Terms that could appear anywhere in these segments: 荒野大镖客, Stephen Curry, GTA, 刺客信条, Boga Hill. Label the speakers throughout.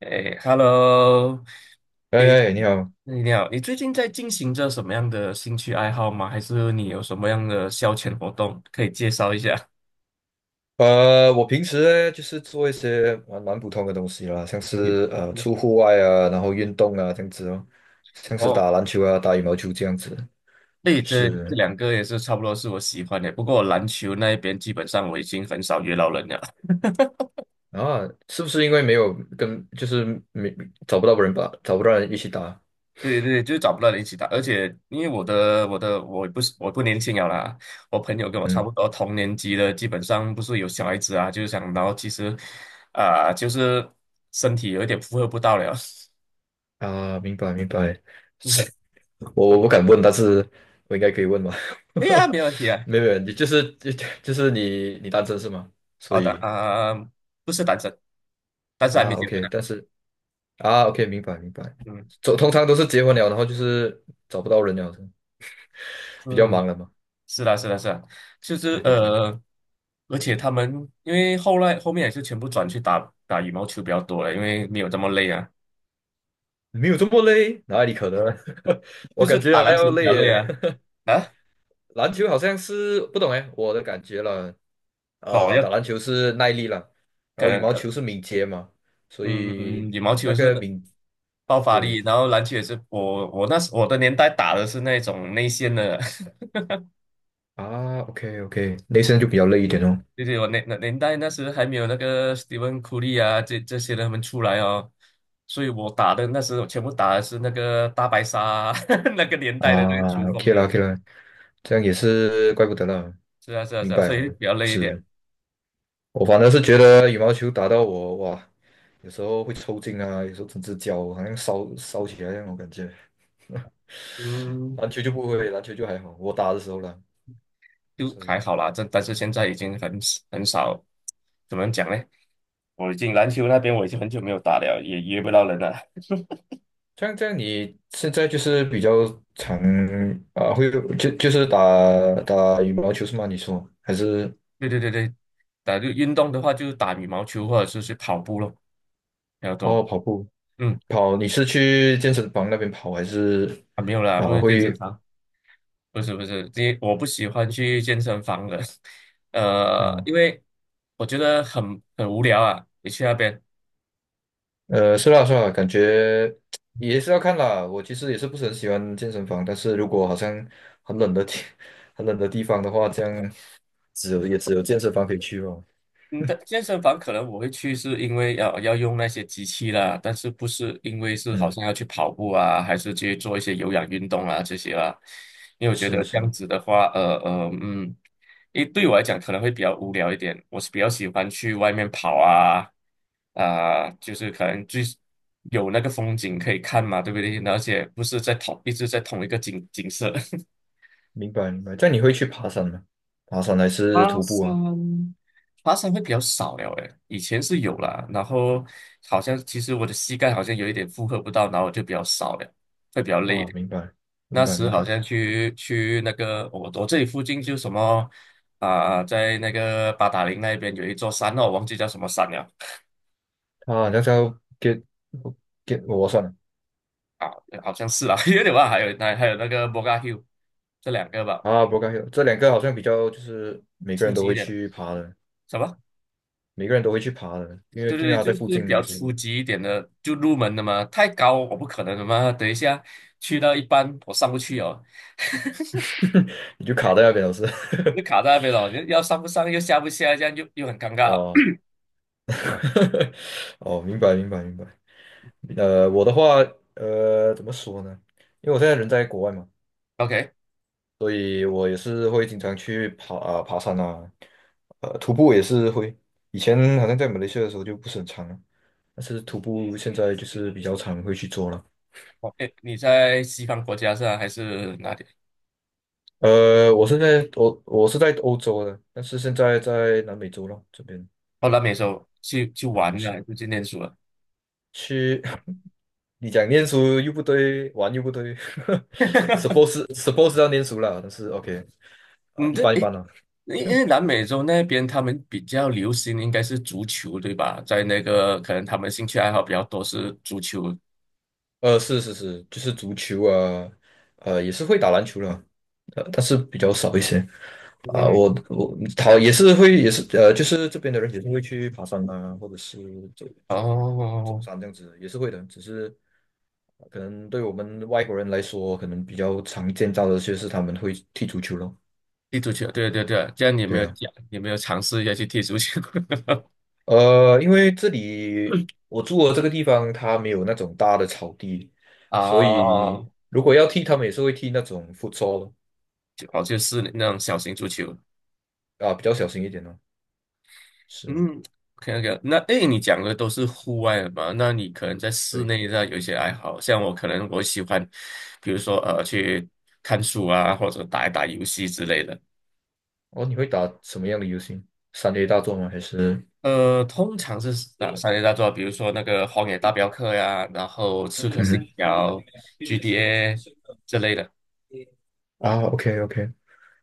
Speaker 1: 哎，Hello，哎，
Speaker 2: 哎哎，你好，
Speaker 1: 你好，你最近在进行着什么样的兴趣爱好吗？还是你有什么样的消遣活动可以介绍一下？
Speaker 2: 我平时呢就是做一些蛮普通的东西啦，像
Speaker 1: 你
Speaker 2: 是出户外啊，然后运动啊这样子哦，像是
Speaker 1: 哦，
Speaker 2: 打篮球啊、打羽毛球这样子。
Speaker 1: 对，这
Speaker 2: 是
Speaker 1: 两个也是差不多是我喜欢的，不过篮球那一边基本上我已经很少约到人了。
Speaker 2: 啊，是不是因为没有跟就是没找不到人吧，找不到人一起打？
Speaker 1: 对对，就是找不到人一起打，而且因为我的我的我不是我不年轻了啦，我朋友跟我差
Speaker 2: 嗯
Speaker 1: 不多同年级的，基本上不是有小孩子啊，就是想，然后其实啊、就是身体有一点负荷不到了，
Speaker 2: 啊，明白明白，
Speaker 1: 嗯
Speaker 2: 是
Speaker 1: 哼，
Speaker 2: 我不敢问，但是我应该可以问吧？
Speaker 1: 对呀，没问题 啊，
Speaker 2: 没有没有，你就是 就是你单身是吗？所
Speaker 1: 好的
Speaker 2: 以
Speaker 1: 啊、不是单身，但是还
Speaker 2: 啊
Speaker 1: 没结婚
Speaker 2: ，OK，
Speaker 1: 呢、
Speaker 2: 但是。啊，OK，明白明白。
Speaker 1: 嗯
Speaker 2: 走，通常都是结婚了，然后就是找不到人了，比较
Speaker 1: 嗯，
Speaker 2: 忙了嘛。
Speaker 1: 是啦是啦是啦，就是
Speaker 2: 对对对，
Speaker 1: 而且他们因为后来后面也是全部转去打打羽毛球比较多了，因为没有这么累啊，
Speaker 2: 没有这么累，哪里可能？我
Speaker 1: 就是
Speaker 2: 感
Speaker 1: 打
Speaker 2: 觉还
Speaker 1: 篮球
Speaker 2: 要
Speaker 1: 比
Speaker 2: 累
Speaker 1: 较累
Speaker 2: 耶。
Speaker 1: 啊啊。
Speaker 2: 篮球好像是不懂哎，我的感觉了。
Speaker 1: 那我要
Speaker 2: 打篮球是耐力了，然
Speaker 1: 可
Speaker 2: 后羽
Speaker 1: 能
Speaker 2: 毛
Speaker 1: 可
Speaker 2: 球是敏捷嘛，所
Speaker 1: 嗯
Speaker 2: 以
Speaker 1: 羽毛
Speaker 2: 那
Speaker 1: 球是
Speaker 2: 个敏，
Speaker 1: 爆发力，
Speaker 2: 对
Speaker 1: 然后篮球也是我那时我的年代打的是那种内线的，
Speaker 2: 啊，OK OK，内身就比较累一点哦。
Speaker 1: 就是我那年代那时还没有那个 Stephen Curry 啊这些人他们出来哦，所以我打的那时我全部打的是那个大白鲨啊 那个年代的那个球
Speaker 2: 啊
Speaker 1: 风
Speaker 2: ，OK 了
Speaker 1: 的，
Speaker 2: OK 了，这样也是怪不得了，
Speaker 1: 是啊是啊是
Speaker 2: 明
Speaker 1: 啊，
Speaker 2: 白
Speaker 1: 所以
Speaker 2: 啊，
Speaker 1: 比较累一点，
Speaker 2: 是。我反正是觉得羽毛球打到我哇，有时候会抽筋啊，有时候整只脚好像烧烧起来那种感觉。
Speaker 1: 嗯，
Speaker 2: 篮球就不会，篮球就还好，我打的时候呢，
Speaker 1: 就
Speaker 2: 所
Speaker 1: 还
Speaker 2: 以
Speaker 1: 好啦，这但是现在已经很少，怎么讲呢？我已经篮球那边我已经很久没有打了，也约不到人了。
Speaker 2: 这样，你现在就是比较常啊，会就是打羽毛球是吗？你说还是
Speaker 1: 对对对对，打就运动的话，就是打羽毛球或者是去跑步咯，比较多。
Speaker 2: 哦跑步
Speaker 1: 嗯，
Speaker 2: 跑？你是去健身房那边跑还是
Speaker 1: 啊没有啦，不
Speaker 2: 啊
Speaker 1: 是健
Speaker 2: 会？
Speaker 1: 身房，不是不是，因为我不喜欢去健身房的，
Speaker 2: 啊
Speaker 1: 因为我觉得很无聊啊，你去那边，
Speaker 2: 是啦是啦，感觉也是要看啦。我其实也是不是很喜欢健身房，但是如果好像很冷的天、很冷的地方的话，这样只有也只有健身房可以去哦。
Speaker 1: 嗯，但健身房可能我会去，是因为要要用那些机器啦，但是不是因为是好
Speaker 2: 嗯，
Speaker 1: 像要去跑步啊，还是去做一些有氧运动啊这些啦？因为我觉
Speaker 2: 是
Speaker 1: 得这样
Speaker 2: 是，
Speaker 1: 子的话，因为对我来讲可能会比较无聊一点，我是比较喜欢去外面跑啊，啊、就是可能最有那个风景可以看嘛，对不对？而且不是在同一直在同一个景景色，
Speaker 2: 明白明白。这样你会去爬山吗？爬山还是
Speaker 1: 爬
Speaker 2: 徒步啊？
Speaker 1: 山，爬山会比较少了诶，以前是有啦，然后好像其实我的膝盖好像有一点负荷不到，然后我就比较少了，会比较累一
Speaker 2: 啊，
Speaker 1: 点。
Speaker 2: 明白明
Speaker 1: 那
Speaker 2: 白
Speaker 1: 时
Speaker 2: 明
Speaker 1: 好
Speaker 2: 白。
Speaker 1: 像去那个我这里附近就什么啊、在那个八达岭那边有一座山哦，我忘记叫什么山了
Speaker 2: 啊，那叫 get get 我算了
Speaker 1: 啊，好像是啦，有点忘了还有那个 Boga Hill,这两个吧，
Speaker 2: 啊不 r o c 这两个好像比较就是每个
Speaker 1: 初
Speaker 2: 人都
Speaker 1: 级一
Speaker 2: 会
Speaker 1: 点
Speaker 2: 去爬的，
Speaker 1: 什么？
Speaker 2: 每个人都会去爬的，因为
Speaker 1: 对对
Speaker 2: 因为
Speaker 1: 对，
Speaker 2: 它在
Speaker 1: 就
Speaker 2: 附
Speaker 1: 是
Speaker 2: 近
Speaker 1: 比
Speaker 2: 嘛，
Speaker 1: 较
Speaker 2: 是不
Speaker 1: 初
Speaker 2: 是？
Speaker 1: 级一点的，就入门的嘛，太高我不可能的嘛。等一下去到一半我上不去哦，
Speaker 2: 你就卡在那边老师。
Speaker 1: 就卡在那边了，要上不上又下不下，这样又又很尴 尬。
Speaker 2: 哦，哦，明白明白明白。我的话，怎么说呢？因为我现在人在国外嘛，
Speaker 1: OK,
Speaker 2: 所以我也是会经常去爬山啊，徒步也是会。以前好像在马来西亚的时候就不是很常了，但是徒步现在就是比较常会去做了。
Speaker 1: 哦，哎，你在西方国家是啊，还是哪里？
Speaker 2: 我现在我是在欧洲的，但是现在在南美洲了这边
Speaker 1: 哦，南美洲去
Speaker 2: 啊，
Speaker 1: 玩了，还
Speaker 2: 是。
Speaker 1: 是去念书了？
Speaker 2: 去，你讲念书又不对，玩又不对 suppose 要念书了，但是 OK 啊、
Speaker 1: 你
Speaker 2: 一
Speaker 1: 这
Speaker 2: 般一
Speaker 1: 哎，
Speaker 2: 般啦。
Speaker 1: 因因 为南美洲那边他们比较流行应该是足球，对吧？在那个可能他们兴趣爱好比较多是足球。
Speaker 2: 是是是，就是足球啊，也是会打篮球了，但是比较少一些。啊、我
Speaker 1: 嗯，
Speaker 2: 我他也是会，也是就是这边的人也是会去爬山啊，或者是走走
Speaker 1: 哦，
Speaker 2: 山这样子，也是会的。只是可能对我们外国人来说，可能比较常见到的就是他们会踢足球咯。
Speaker 1: 踢足球，对对对，这样你有没
Speaker 2: 对
Speaker 1: 有
Speaker 2: 啊。
Speaker 1: 讲，你有没有尝试一下去踢足球？
Speaker 2: 因为这里我住的这个地方，它没有那种大的草地，所以
Speaker 1: 哦，
Speaker 2: 如果要剃，他们也是会剃那种 f u t
Speaker 1: 就哦，就是那种小型足球。
Speaker 2: 的啊，比较小心一点哦。是，
Speaker 1: 嗯，OK OK,那诶，你讲的都是户外的嘛？那你可能在室
Speaker 2: 对。
Speaker 1: 内上有一些爱好，像我可能我喜欢，比如说去看书啊，或者打一打游戏之类的。
Speaker 2: 哦，你会打什么样的游戏？3A 大作吗？还是？
Speaker 1: 通常是哪三类大作？比如说那个《荒野大镖客》呀，然后
Speaker 2: 嗯
Speaker 1: 《刺客信
Speaker 2: 哼
Speaker 1: 条》、GTA 之类的。
Speaker 2: 啊，OK OK，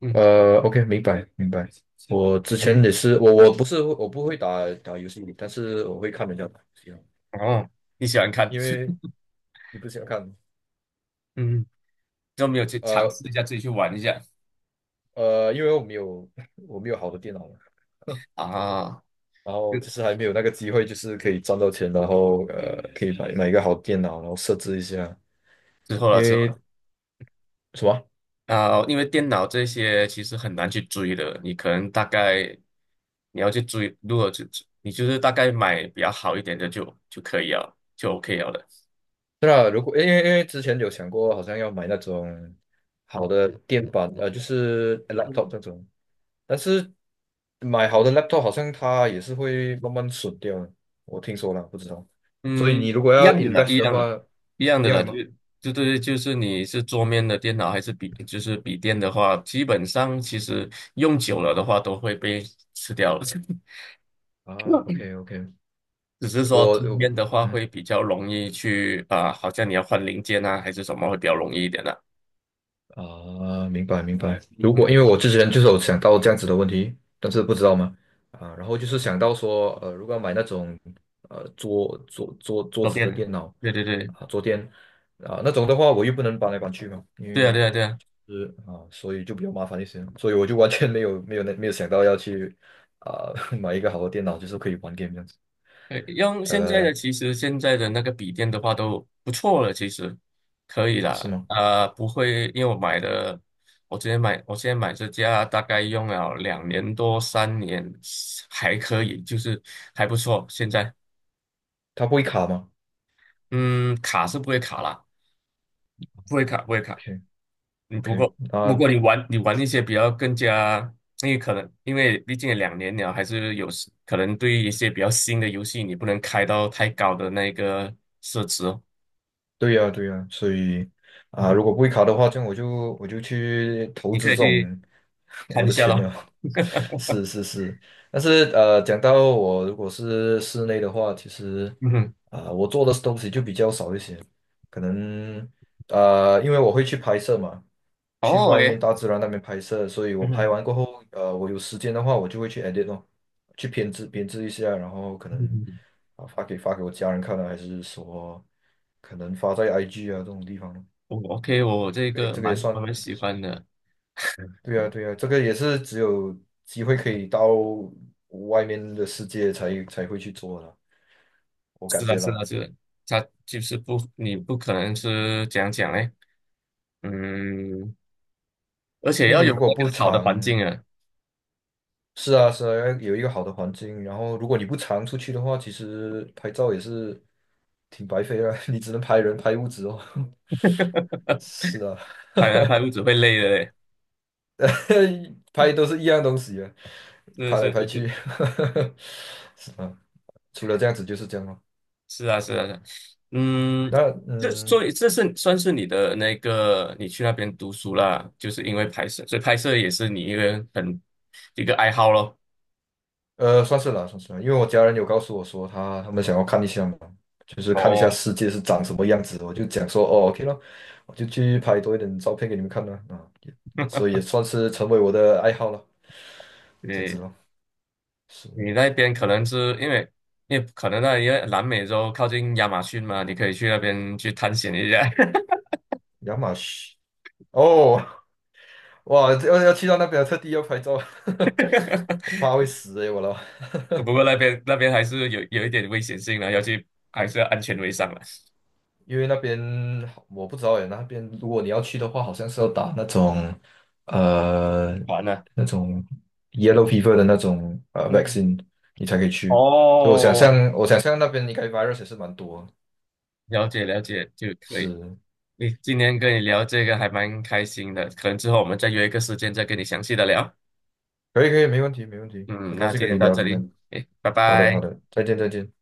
Speaker 1: 嗯，
Speaker 2: OK，明白明白。我之
Speaker 1: 你
Speaker 2: 前也是，我我不是我不会打游戏但是我会看人家打游戏哦，
Speaker 1: 哦，你喜欢看？
Speaker 2: 因为 你不喜欢看，
Speaker 1: 嗯，都没有去尝
Speaker 2: 呃
Speaker 1: 试一下，自己去玩一下
Speaker 2: 因为我没有 我没有好的电脑嘛，
Speaker 1: 啊。
Speaker 2: 然后
Speaker 1: 就
Speaker 2: 就是还没有那个机会，就是可以赚到钱，然后可以买一个好电脑，然后设置一下。
Speaker 1: 之后
Speaker 2: 因
Speaker 1: 了之后
Speaker 2: 为
Speaker 1: 了
Speaker 2: 什么？
Speaker 1: 啊，因为电脑这些其实很难去追的，你可能大概你要去追，如果就你就是大概买比较好一点的就可以了，就 OK 了的。
Speaker 2: 对啊，如果因为之前有想过，好像要买那种好的电板，就是 laptop 那种，但是买好的 laptop 好像它也是会慢慢损掉的，我听说了，不知道。所以
Speaker 1: 嗯，
Speaker 2: 你如果
Speaker 1: 一
Speaker 2: 要
Speaker 1: 样的啦，
Speaker 2: invest
Speaker 1: 一
Speaker 2: 的
Speaker 1: 样的，
Speaker 2: 话，
Speaker 1: 一样
Speaker 2: 一
Speaker 1: 的
Speaker 2: 样
Speaker 1: 啦，
Speaker 2: 的吗？
Speaker 1: 对，就是你是桌面的电脑还是笔，就是笔电的话，基本上其实用久了的话都会被吃掉了。
Speaker 2: 啊，OK OK，
Speaker 1: 只是说
Speaker 2: 我
Speaker 1: 这
Speaker 2: 我
Speaker 1: 边的话
Speaker 2: 嗯。
Speaker 1: 会比较容易去啊、好像你要换零件啊，还是什么会比较容易一点的、
Speaker 2: 啊，明白明白。如果因
Speaker 1: 嗯，
Speaker 2: 为我之前就是有想到这样子的问题，但是不知道嘛，啊，然后就是想到说，如果要买那种桌桌桌桌
Speaker 1: 都
Speaker 2: 子
Speaker 1: 变
Speaker 2: 的
Speaker 1: 的。
Speaker 2: 电脑
Speaker 1: 对对对，
Speaker 2: 啊桌垫啊那种的话，我又不能搬来搬去嘛，因
Speaker 1: 对啊
Speaker 2: 为
Speaker 1: 对啊对啊，
Speaker 2: 是啊，所以就比较麻烦一些，所以我就完全没有没有那没有想到要去啊 买一个好的电脑，就是可以玩 g a 这样子。
Speaker 1: 用现在
Speaker 2: 呃，
Speaker 1: 的其实现在的那个笔电的话都不错了，其实可以
Speaker 2: 是
Speaker 1: 啦。
Speaker 2: 吗？
Speaker 1: 啊，不会，因为我买的，我之前买，我现在买这家大概用了两年多三年，还可以，就是还不错。现在，
Speaker 2: 它不会卡吗
Speaker 1: 嗯，卡是不会卡啦，不会卡，不会卡。
Speaker 2: ？OK
Speaker 1: 你不
Speaker 2: OK，
Speaker 1: 过不过
Speaker 2: 那
Speaker 1: 你玩一些比较更加，因为可能因为毕竟也两年了，还是有时可能对于一些比较新的游戏，你不能开到太高的那个设置哦。
Speaker 2: 对呀，对呀，所以
Speaker 1: 嗯
Speaker 2: 啊，
Speaker 1: 哼
Speaker 2: 如果不会卡的话，这样我就去投
Speaker 1: 你
Speaker 2: 资
Speaker 1: 可以
Speaker 2: 这
Speaker 1: 去
Speaker 2: 种 我
Speaker 1: 看一
Speaker 2: 的
Speaker 1: 下
Speaker 2: 钱
Speaker 1: 咯。
Speaker 2: 了。是是是，但是讲到我如果是室内的话，其实
Speaker 1: 嗯哼，
Speaker 2: 啊、我做的东西就比较少一些，可能因为我会去拍摄嘛，去
Speaker 1: 哦
Speaker 2: 外
Speaker 1: ，OK,
Speaker 2: 面大自然那边拍摄，所以我
Speaker 1: 嗯哼，
Speaker 2: 拍完过后，我有时间的话，我就会去 edit 咯，去编制编制一下，然后可能
Speaker 1: 嗯，
Speaker 2: 啊发给我家人看啊，还是说可能发在 IG 啊这种地方咯，
Speaker 1: 我 OK,我这
Speaker 2: 对，
Speaker 1: 个
Speaker 2: 这个也
Speaker 1: 蛮
Speaker 2: 算。
Speaker 1: 我蛮喜欢的。
Speaker 2: 对呀，对呀，这个也是只有机会可以到外面的世界才会去做的，我
Speaker 1: 是
Speaker 2: 感
Speaker 1: 的，
Speaker 2: 觉
Speaker 1: 是
Speaker 2: 啦。
Speaker 1: 的，是的，它就是不，你不可能是讲讲嘞，嗯，而且
Speaker 2: 因为
Speaker 1: 要
Speaker 2: 你
Speaker 1: 有
Speaker 2: 如果
Speaker 1: 那
Speaker 2: 不
Speaker 1: 个好的环
Speaker 2: 常，
Speaker 1: 境啊，
Speaker 2: 是啊是啊，要有一个好的环境，然后如果你不常出去的话，其实拍照也是挺白费啊，你只能拍人拍物质哦。是啊，
Speaker 1: 拍来拍屋子会累的嘞。
Speaker 2: 拍都是一样东西啊，
Speaker 1: 是
Speaker 2: 拍来
Speaker 1: 是
Speaker 2: 拍
Speaker 1: 是。
Speaker 2: 去，是啊，除了这样子就是这样咯。
Speaker 1: 是啊，是啊，是啊嗯，
Speaker 2: 那
Speaker 1: 这
Speaker 2: 嗯。
Speaker 1: 所以这是算是你的那个，你去那边读书啦，就是因为拍摄，所以拍摄也是你一个很一个爱好咯。
Speaker 2: 算是啦，算是啦，因为我家人有告诉我说他们想要看一下嘛，就是看一下
Speaker 1: 哦，
Speaker 2: 世界是长什么样子的，我就讲说哦，OK 了，我就去拍多一点照片给你们看啦，啊，也所以也算是成为我的爱好了，这样子
Speaker 1: 你
Speaker 2: 咯，是的
Speaker 1: 你那边可能是因为，因为可能那因为南美洲靠近亚马逊嘛，你可以去那边去探险一下。
Speaker 2: 亚马逊哦，哇，要去到那边特地要拍照，我 怕会死诶、我了，
Speaker 1: 不过那边那边还是有有一点危险性的，要去还是要安全为上了，
Speaker 2: 因为那边我不知道耶，那边如果你要去的话，好像是要打那种呃
Speaker 1: 完了。
Speaker 2: 那种 yellow fever 的那种
Speaker 1: 嗯，
Speaker 2: vaccine，你才可以去。所以我想
Speaker 1: 哦，
Speaker 2: 象，我想象那边应该 virus 也是蛮多的。
Speaker 1: 了解了解就可以。
Speaker 2: 是，
Speaker 1: 你今天跟你聊这个还蛮开心的，可能之后我们再约一个时间再跟你详细的聊。
Speaker 2: 可以可以，没问题没问题。
Speaker 1: 嗯，
Speaker 2: 很高
Speaker 1: 那
Speaker 2: 兴
Speaker 1: 今
Speaker 2: 跟
Speaker 1: 天
Speaker 2: 你
Speaker 1: 到
Speaker 2: 聊
Speaker 1: 这
Speaker 2: 今
Speaker 1: 里，
Speaker 2: 天。
Speaker 1: 诶，拜
Speaker 2: 好的好
Speaker 1: 拜。
Speaker 2: 的，再见再见。